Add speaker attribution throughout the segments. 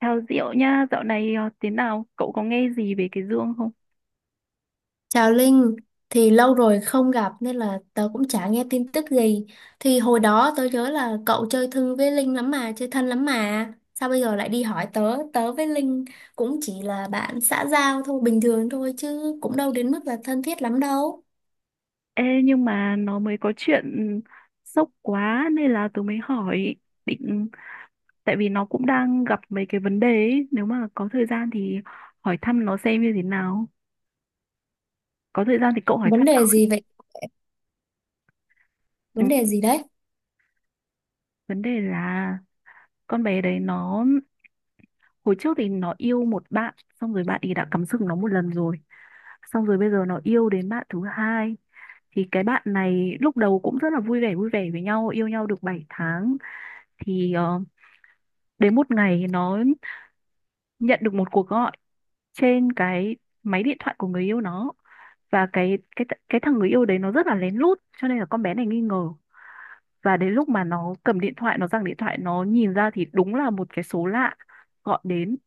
Speaker 1: Thảo Diệu nha, dạo này thế nào? Cậu có nghe gì về cái Dương không?
Speaker 2: Chào Linh, thì lâu rồi không gặp nên là tớ cũng chả nghe tin tức gì. Thì hồi đó tớ nhớ là cậu chơi thân với Linh lắm mà, chơi thân lắm mà. Sao bây giờ lại đi hỏi tớ? Tớ với Linh cũng chỉ là bạn xã giao thôi, bình thường thôi chứ cũng đâu đến mức là thân thiết lắm đâu.
Speaker 1: Ê, nhưng mà nó mới có chuyện sốc quá nên là tớ mới hỏi định tại vì nó cũng đang gặp mấy cái vấn đề ấy. Nếu mà có thời gian thì hỏi thăm nó xem như thế nào. Có thời gian thì cậu hỏi
Speaker 2: Vấn
Speaker 1: thăm
Speaker 2: đề
Speaker 1: nó.
Speaker 2: gì vậy?
Speaker 1: Ừ,
Speaker 2: Vấn đề gì đấy?
Speaker 1: vấn đề là con bé đấy nó hồi trước thì nó yêu một bạn, xong rồi bạn ấy đã cắm sừng nó một lần rồi, xong rồi bây giờ nó yêu đến bạn thứ hai. Thì cái bạn này lúc đầu cũng rất là vui vẻ, vui vẻ với nhau, yêu nhau được 7 tháng thì đến một ngày nó nhận được một cuộc gọi trên cái máy điện thoại của người yêu nó. Và cái thằng người yêu đấy nó rất là lén lút cho nên là con bé này nghi ngờ. Và đến lúc mà nó cầm điện thoại, nó giằng điện thoại, nó nhìn ra thì đúng là một cái số lạ gọi đến.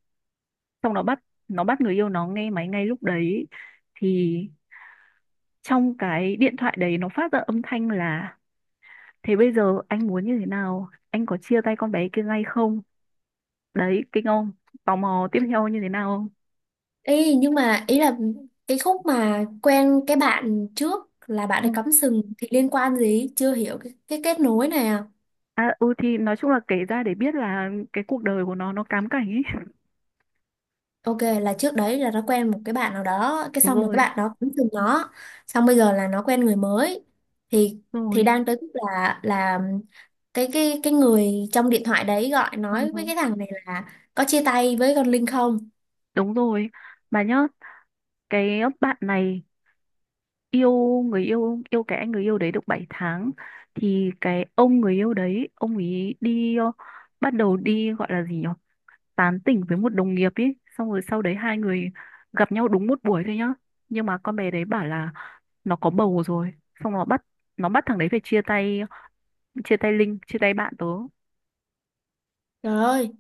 Speaker 1: Xong nó bắt người yêu nó nghe máy ngay lúc đấy. Thì trong cái điện thoại đấy nó phát ra âm thanh là: "Thế bây giờ anh muốn như thế nào, anh có chia tay con bé kia ngay không?" Đấy, kinh. Ông tò mò tiếp theo như thế nào không?
Speaker 2: Ý, nhưng mà ý là cái khúc mà quen cái bạn trước là bạn
Speaker 1: Ừ.
Speaker 2: ấy cắm sừng thì liên quan gì? Chưa hiểu cái kết nối này à?
Speaker 1: À, ừ thì nói chung là kể ra để biết là cái cuộc đời của nó cám cảnh ấy.
Speaker 2: Ok, là trước đấy là nó quen một cái bạn nào đó, cái
Speaker 1: Đúng
Speaker 2: xong rồi cái
Speaker 1: rồi.
Speaker 2: bạn đó cũng thương nó, xong bây giờ là nó quen người mới, thì
Speaker 1: Đúng
Speaker 2: thì
Speaker 1: rồi.
Speaker 2: đang tới lúc là cái người trong điện thoại đấy gọi nói với
Speaker 1: Ừ.
Speaker 2: cái thằng này là có chia tay với con Linh không?
Speaker 1: Đúng rồi. Bà nhớ cái bạn này yêu cái anh người yêu đấy được 7 tháng. Thì cái ông người yêu đấy ông ấy đi bắt đầu đi, gọi là gì nhỉ, tán tỉnh với một đồng nghiệp ý. Xong rồi sau đấy hai người gặp nhau đúng một buổi thôi nhá. Nhưng mà con bé đấy bảo là nó có bầu rồi. Xong nó bắt thằng đấy phải chia tay, chia tay Linh, chia tay bạn tớ.
Speaker 2: Trời ơi,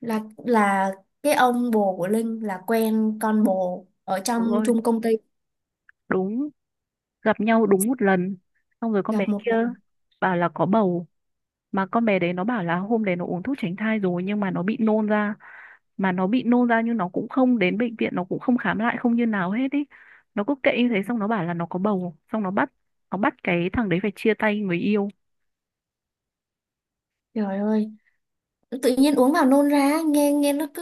Speaker 2: là cái ông bồ của Linh là quen con bồ ở trong
Speaker 1: Ôi,
Speaker 2: chung công ty,
Speaker 1: đúng. Gặp nhau đúng một lần xong rồi con bé
Speaker 2: gặp một
Speaker 1: kia
Speaker 2: lần.
Speaker 1: bảo là có bầu. Mà con bé đấy nó bảo là hôm đấy nó uống thuốc tránh thai rồi nhưng mà nó bị nôn ra. Mà nó bị nôn ra nhưng nó cũng không đến bệnh viện, nó cũng không khám lại, không như nào hết ý. Nó cứ kệ như thế, xong nó bảo là nó có bầu, xong nó bắt cái thằng đấy phải chia tay người yêu.
Speaker 2: Trời ơi, tự nhiên uống vào nôn ra, nghe nghe nó cứ,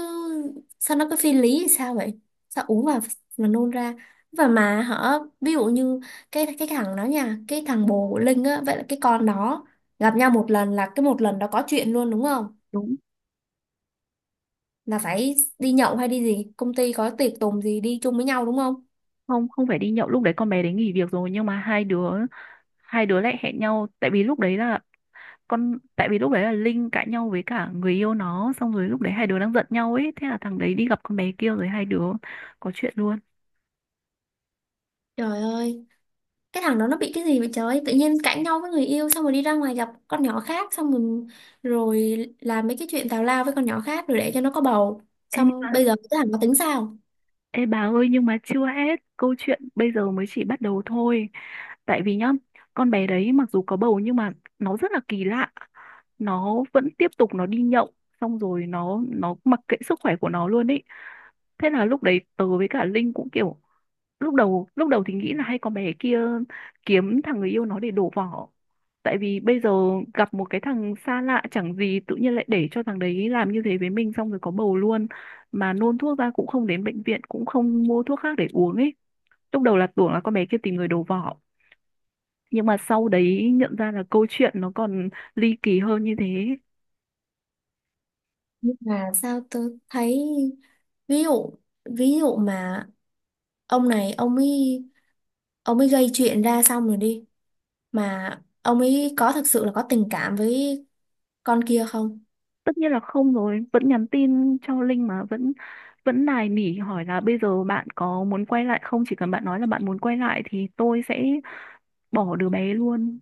Speaker 2: sao nó cứ phi lý hay sao vậy? Sao uống vào mà nôn ra? Và mà họ, ví dụ như cái thằng đó nha, cái thằng bồ của Linh á, vậy là cái con đó gặp nhau một lần là cái một lần đó có chuyện luôn đúng không?
Speaker 1: Đúng.
Speaker 2: Là phải đi nhậu hay đi gì, công ty có tiệc tùng gì đi chung với nhau đúng không?
Speaker 1: Không, không phải đi nhậu, lúc đấy con bé đấy nghỉ việc rồi nhưng mà hai đứa lại hẹn nhau tại vì lúc đấy là Linh cãi nhau với cả người yêu nó, xong rồi lúc đấy hai đứa đang giận nhau ấy, thế là thằng đấy đi gặp con bé kia rồi hai đứa có chuyện luôn.
Speaker 2: Trời ơi, cái thằng đó nó bị cái gì vậy trời, tự nhiên cãi nhau với người yêu xong rồi đi ra ngoài gặp con nhỏ khác, xong rồi rồi làm mấy cái chuyện tào lao với con nhỏ khác rồi để cho nó có bầu.
Speaker 1: Ê, nhưng
Speaker 2: Xong
Speaker 1: mà.
Speaker 2: bây giờ cái thằng nó tính sao?
Speaker 1: Ê, bà ơi, nhưng mà chưa hết câu chuyện, bây giờ mới chỉ bắt đầu thôi. Tại vì nhá, con bé đấy mặc dù có bầu nhưng mà nó rất là kỳ lạ, nó vẫn tiếp tục nó đi nhậu, xong rồi nó mặc kệ sức khỏe của nó luôn ý. Thế là lúc đấy tớ với cả Linh cũng kiểu lúc đầu thì nghĩ là hay con bé kia kiếm thằng người yêu nó để đổ vỏ. Tại vì bây giờ gặp một cái thằng xa lạ chẳng gì, tự nhiên lại để cho thằng đấy làm như thế với mình xong rồi có bầu luôn. Mà nôn thuốc ra cũng không đến bệnh viện, cũng không mua thuốc khác để uống ấy. Lúc đầu là tưởng là con bé kia tìm người đổ vỏ, nhưng mà sau đấy nhận ra là câu chuyện nó còn ly kỳ hơn như thế.
Speaker 2: Nhưng mà sao tôi thấy, ví dụ, ví dụ mà ông này ông ấy, ông ấy gây chuyện ra xong rồi đi, mà ông ấy có thực sự là có tình cảm với con kia không?
Speaker 1: Tất nhiên là không rồi, vẫn nhắn tin cho Linh mà vẫn vẫn nài nỉ hỏi là bây giờ bạn có muốn quay lại không, chỉ cần bạn nói là bạn muốn quay lại thì tôi sẽ bỏ đứa bé luôn.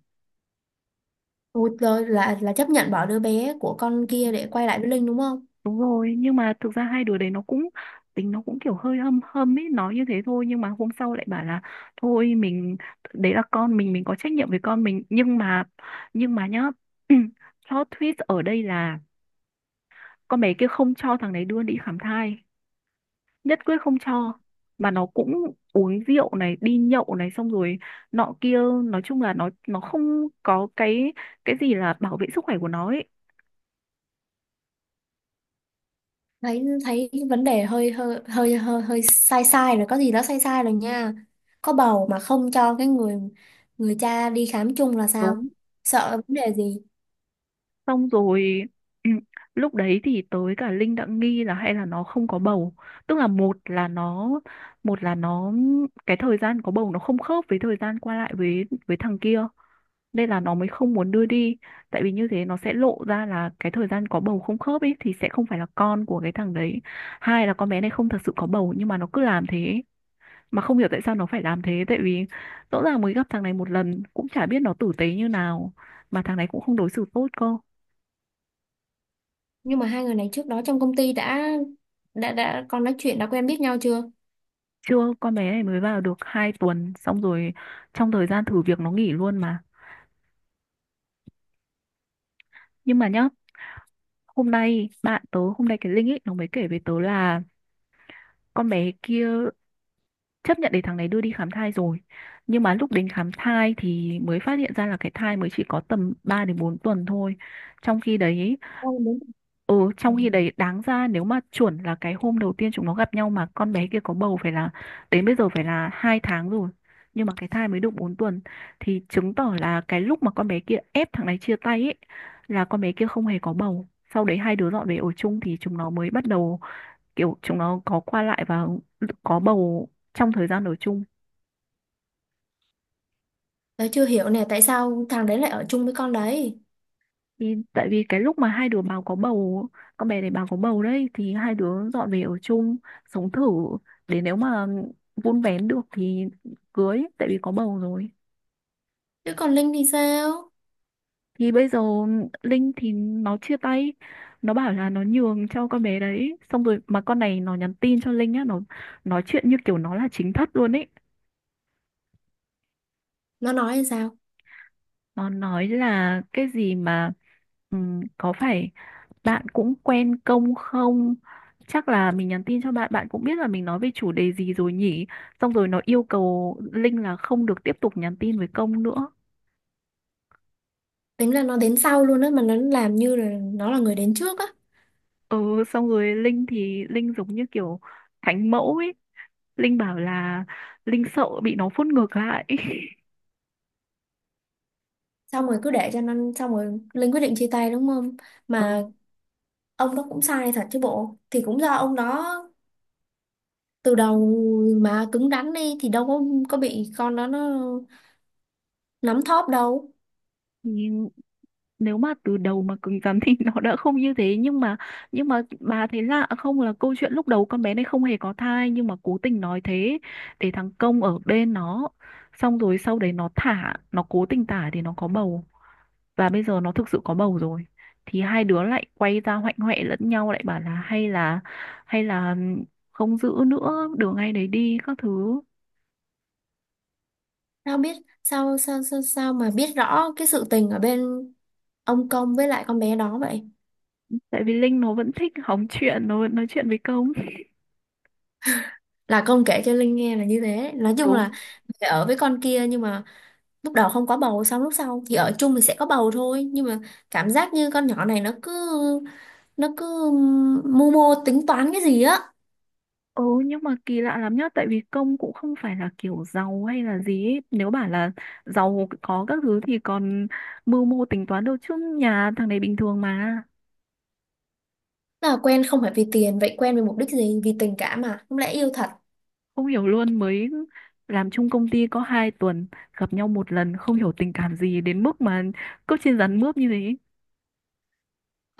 Speaker 2: Ôi, rồi là chấp nhận bỏ đứa bé của con kia để quay lại với Linh đúng không?
Speaker 1: Đúng rồi, nhưng mà thực ra hai đứa đấy nó cũng, tính nó cũng kiểu hơi hâm hâm ấy, nói như thế thôi nhưng mà hôm sau lại bảo là thôi mình, đấy là con mình có trách nhiệm với con mình. Nhưng mà nhá, plot twist ở đây là con bé kia không cho thằng đấy đưa đi khám thai, nhất quyết không cho. Mà nó cũng uống rượu này, đi nhậu này, xong rồi nọ kia, nói chung là nó không có cái gì là bảo vệ sức khỏe của nó ấy.
Speaker 2: Thấy, thấy vấn đề hơi hơi hơi hơi hơi sai sai rồi, có gì đó sai sai rồi nha. Có bầu mà không cho cái người, người cha đi khám chung là sao?
Speaker 1: Đúng.
Speaker 2: Sợ vấn đề gì?
Speaker 1: Xong rồi ừ, lúc đấy thì tới cả Linh đã nghi là hay là nó không có bầu. Tức là một là nó cái thời gian có bầu nó không khớp với thời gian qua lại với thằng kia, nên là nó mới không muốn đưa đi, tại vì như thế nó sẽ lộ ra là cái thời gian có bầu không khớp ấy, thì sẽ không phải là con của cái thằng đấy. Hai là con bé này không thật sự có bầu nhưng mà nó cứ làm thế, mà không hiểu tại sao nó phải làm thế, tại vì rõ ràng mới gặp thằng này một lần cũng chả biết nó tử tế như nào, mà thằng này cũng không đối xử tốt cơ.
Speaker 2: Nhưng mà hai người này trước đó trong công ty đã con nói chuyện, đã quen biết nhau chưa?
Speaker 1: Chưa, con bé này mới vào được 2 tuần, xong rồi trong thời gian thử việc nó nghỉ luôn mà. Nhưng mà nhá, hôm nay bạn tớ, hôm nay cái Linh ấy nó mới kể với tớ là con bé kia chấp nhận để thằng này đưa đi khám thai rồi. Nhưng mà lúc đến khám thai thì mới phát hiện ra là cái thai mới chỉ có tầm 3 đến 4 tuần thôi, trong khi đấy.
Speaker 2: Con đúng.
Speaker 1: Ừ, trong khi đấy đáng ra nếu mà chuẩn là cái hôm đầu tiên chúng nó gặp nhau mà con bé kia có bầu, phải là đến bây giờ phải là 2 tháng rồi. Nhưng mà cái thai mới được 4 tuần, thì chứng tỏ là cái lúc mà con bé kia ép thằng này chia tay ấy, là con bé kia không hề có bầu. Sau đấy hai đứa dọn về ở chung thì chúng nó mới bắt đầu, kiểu chúng nó có qua lại và có bầu trong thời gian ở chung.
Speaker 2: Tớ chưa hiểu nè, tại sao thằng đấy lại ở chung với con đấy?
Speaker 1: Thì tại vì cái lúc mà hai đứa báo có bầu, con bé này báo có bầu đấy, thì hai đứa dọn về ở chung sống thử, để nếu mà vun vén được thì cưới, tại vì có bầu rồi.
Speaker 2: Chứ còn Linh thì sao?
Speaker 1: Thì bây giờ Linh thì nó chia tay, nó bảo là nó nhường cho con bé đấy, xong rồi mà con này nó nhắn tin cho Linh á, nó nói chuyện như kiểu nó là chính thất luôn ấy.
Speaker 2: Nó nói là sao?
Speaker 1: Nó nói là cái gì mà có phải bạn cũng quen công không, chắc là mình nhắn tin cho bạn bạn cũng biết là mình nói về chủ đề gì rồi nhỉ. Xong rồi nó yêu cầu Linh là không được tiếp tục nhắn tin với công nữa.
Speaker 2: Tính là nó đến sau luôn á mà nó làm như là nó là người đến trước á.
Speaker 1: Ừ, xong rồi Linh thì Linh giống như kiểu thánh mẫu ấy, Linh bảo là Linh sợ bị nó phốt ngược lại.
Speaker 2: Xong rồi cứ để cho nó, xong rồi Linh quyết định chia tay đúng không? Mà ông đó cũng sai thật chứ bộ, thì cũng do ông đó từ đầu mà cứng rắn đi thì đâu có bị con đó nó nắm thóp đâu.
Speaker 1: Ừ, nếu mà từ đầu mà cứng rắn thì nó đã không như thế. Nhưng mà bà thấy lạ không, là câu chuyện lúc đầu con bé này không hề có thai nhưng mà cố tình nói thế để thằng Công ở bên nó, xong rồi sau đấy nó thả, nó cố tình thả thì nó có bầu, và bây giờ nó thực sự có bầu rồi, thì hai đứa lại quay ra hoạnh hoẹ lẫn nhau, lại bảo là, hay là không giữ nữa, đường ngay đấy đi các thứ.
Speaker 2: Sao biết, sao sao sao sao mà biết rõ cái sự tình ở bên ông Công với lại con bé đó vậy?
Speaker 1: Tại vì Linh nó vẫn thích hóng chuyện, nó vẫn nói chuyện với Công.
Speaker 2: Là Công kể cho Linh nghe là như thế. Nói chung
Speaker 1: Đúng.
Speaker 2: là phải ở với con kia, nhưng mà lúc đầu không có bầu, xong lúc sau thì ở chung thì sẽ có bầu thôi, nhưng mà cảm giác như con nhỏ này nó cứ mưu mô tính toán cái gì á.
Speaker 1: Ừ, nhưng mà kỳ lạ lắm nhá. Tại vì công cũng không phải là kiểu giàu hay là gì ấy. Nếu bảo là giàu có các thứ thì còn mưu mô tính toán, đâu chứ nhà thằng này bình thường mà.
Speaker 2: Là quen không phải vì tiền, vậy quen vì mục đích gì? Vì tình cảm à? Không lẽ yêu thật?
Speaker 1: Không hiểu luôn, mới làm chung công ty có 2 tuần, gặp nhau một lần không hiểu tình cảm gì đến mức mà cứ trên rắn mướp như thế.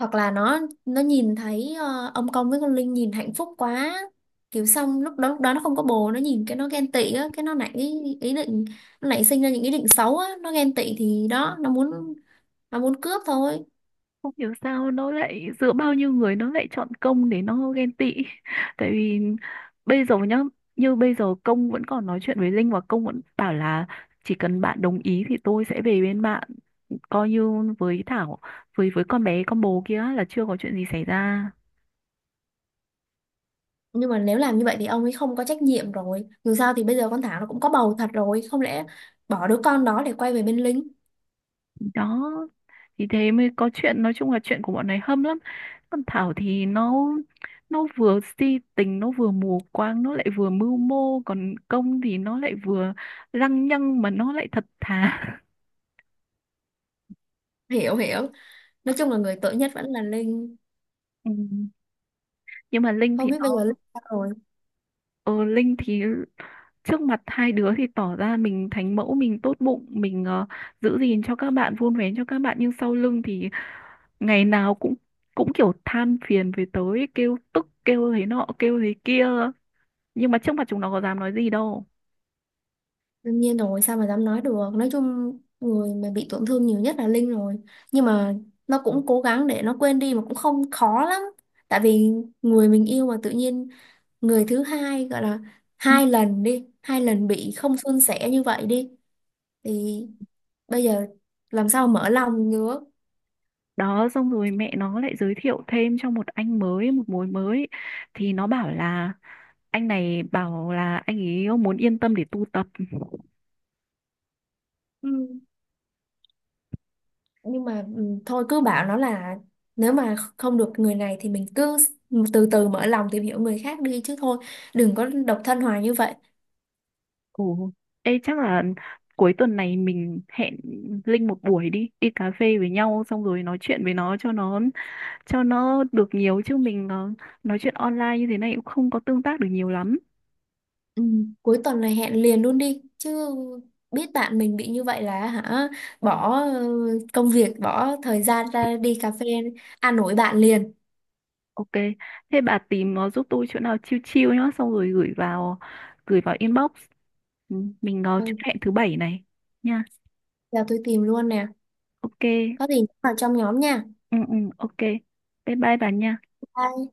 Speaker 2: Hoặc là nó nhìn thấy ông Công với con Linh nhìn hạnh phúc quá. Kiểu xong lúc đó nó không có bồ, nó nhìn cái nó ghen tị á, cái nó nảy ý định, nó nảy sinh ra những ý định xấu á, nó ghen tị thì đó, nó muốn cướp thôi.
Speaker 1: Không hiểu sao nó lại giữa bao nhiêu người nó lại chọn công để nó ghen tị. Tại vì bây giờ nhá, như bây giờ công vẫn còn nói chuyện với Linh, và công vẫn bảo là chỉ cần bạn đồng ý thì tôi sẽ về bên bạn, coi như với Thảo, với con bé con bồ kia là chưa có chuyện gì xảy ra.
Speaker 2: Nhưng mà nếu làm như vậy thì ông ấy không có trách nhiệm rồi. Dù sao thì bây giờ con Thảo nó cũng có bầu thật rồi, không lẽ bỏ đứa con đó để quay về bên Linh?
Speaker 1: Đó, thì thế mới có chuyện, nói chung là chuyện của bọn này hâm lắm. Còn Thảo thì nó vừa si tình, nó vừa mù quáng, nó lại vừa mưu mô, còn Công thì nó lại vừa lăng nhăng mà nó lại thật thà.
Speaker 2: Hiểu hiểu. Nói chung là người tội nhất vẫn là Linh.
Speaker 1: Ừ. Nhưng mà
Speaker 2: Không biết bây giờ Linh sao rồi.
Speaker 1: Linh thì trước mặt hai đứa thì tỏ ra mình thánh mẫu, mình tốt bụng, mình giữ gìn cho các bạn, vun vén cho các bạn, nhưng sau lưng thì ngày nào cũng cũng kiểu than phiền về tới, kêu tức, kêu thế nọ, kêu thế kia, nhưng mà trước mặt chúng nó có dám nói gì đâu.
Speaker 2: Đương nhiên rồi, sao mà dám nói được. Nói chung người mà bị tổn thương nhiều nhất là Linh rồi. Nhưng mà nó cũng cố gắng để nó quên đi mà cũng không khó lắm. Tại vì người mình yêu mà tự nhiên, người thứ hai gọi là, hai lần đi, hai lần bị không suôn sẻ như vậy đi thì bây giờ làm sao mở lòng nữa.
Speaker 1: Đó, xong rồi mẹ nó lại giới thiệu thêm cho một anh mới, một mối mới, thì nó bảo là anh này bảo là anh ấy muốn yên tâm để tu tập.
Speaker 2: Ừ. Nhưng mà ừ, thôi cứ bảo nó là nếu mà không được người này thì mình cứ từ từ mở lòng tìm hiểu người khác đi chứ, thôi, đừng có độc thân hoài như vậy.
Speaker 1: Ồ, ê, chắc là cuối tuần này mình hẹn Linh một buổi đi đi cà phê với nhau, xong rồi nói chuyện với nó cho nó được nhiều, chứ mình nói chuyện online như thế này cũng không có tương tác được nhiều lắm.
Speaker 2: Ừ, cuối tuần này hẹn liền luôn đi chứ, biết bạn mình bị như vậy là hả, bỏ công việc, bỏ thời gian ra đi cà phê, ăn nổi bạn liền.
Speaker 1: Ok, thế bà tìm giúp tôi chỗ nào chill chill nhá, xong rồi gửi vào inbox. Ừ, mình có chốt
Speaker 2: Thôi
Speaker 1: hẹn thứ bảy này nha.
Speaker 2: giờ tôi tìm luôn nè,
Speaker 1: Ok,
Speaker 2: có gì nhắn vào trong nhóm nha.
Speaker 1: ừ, ừ, ok. Bye bye bà nha.
Speaker 2: Bye.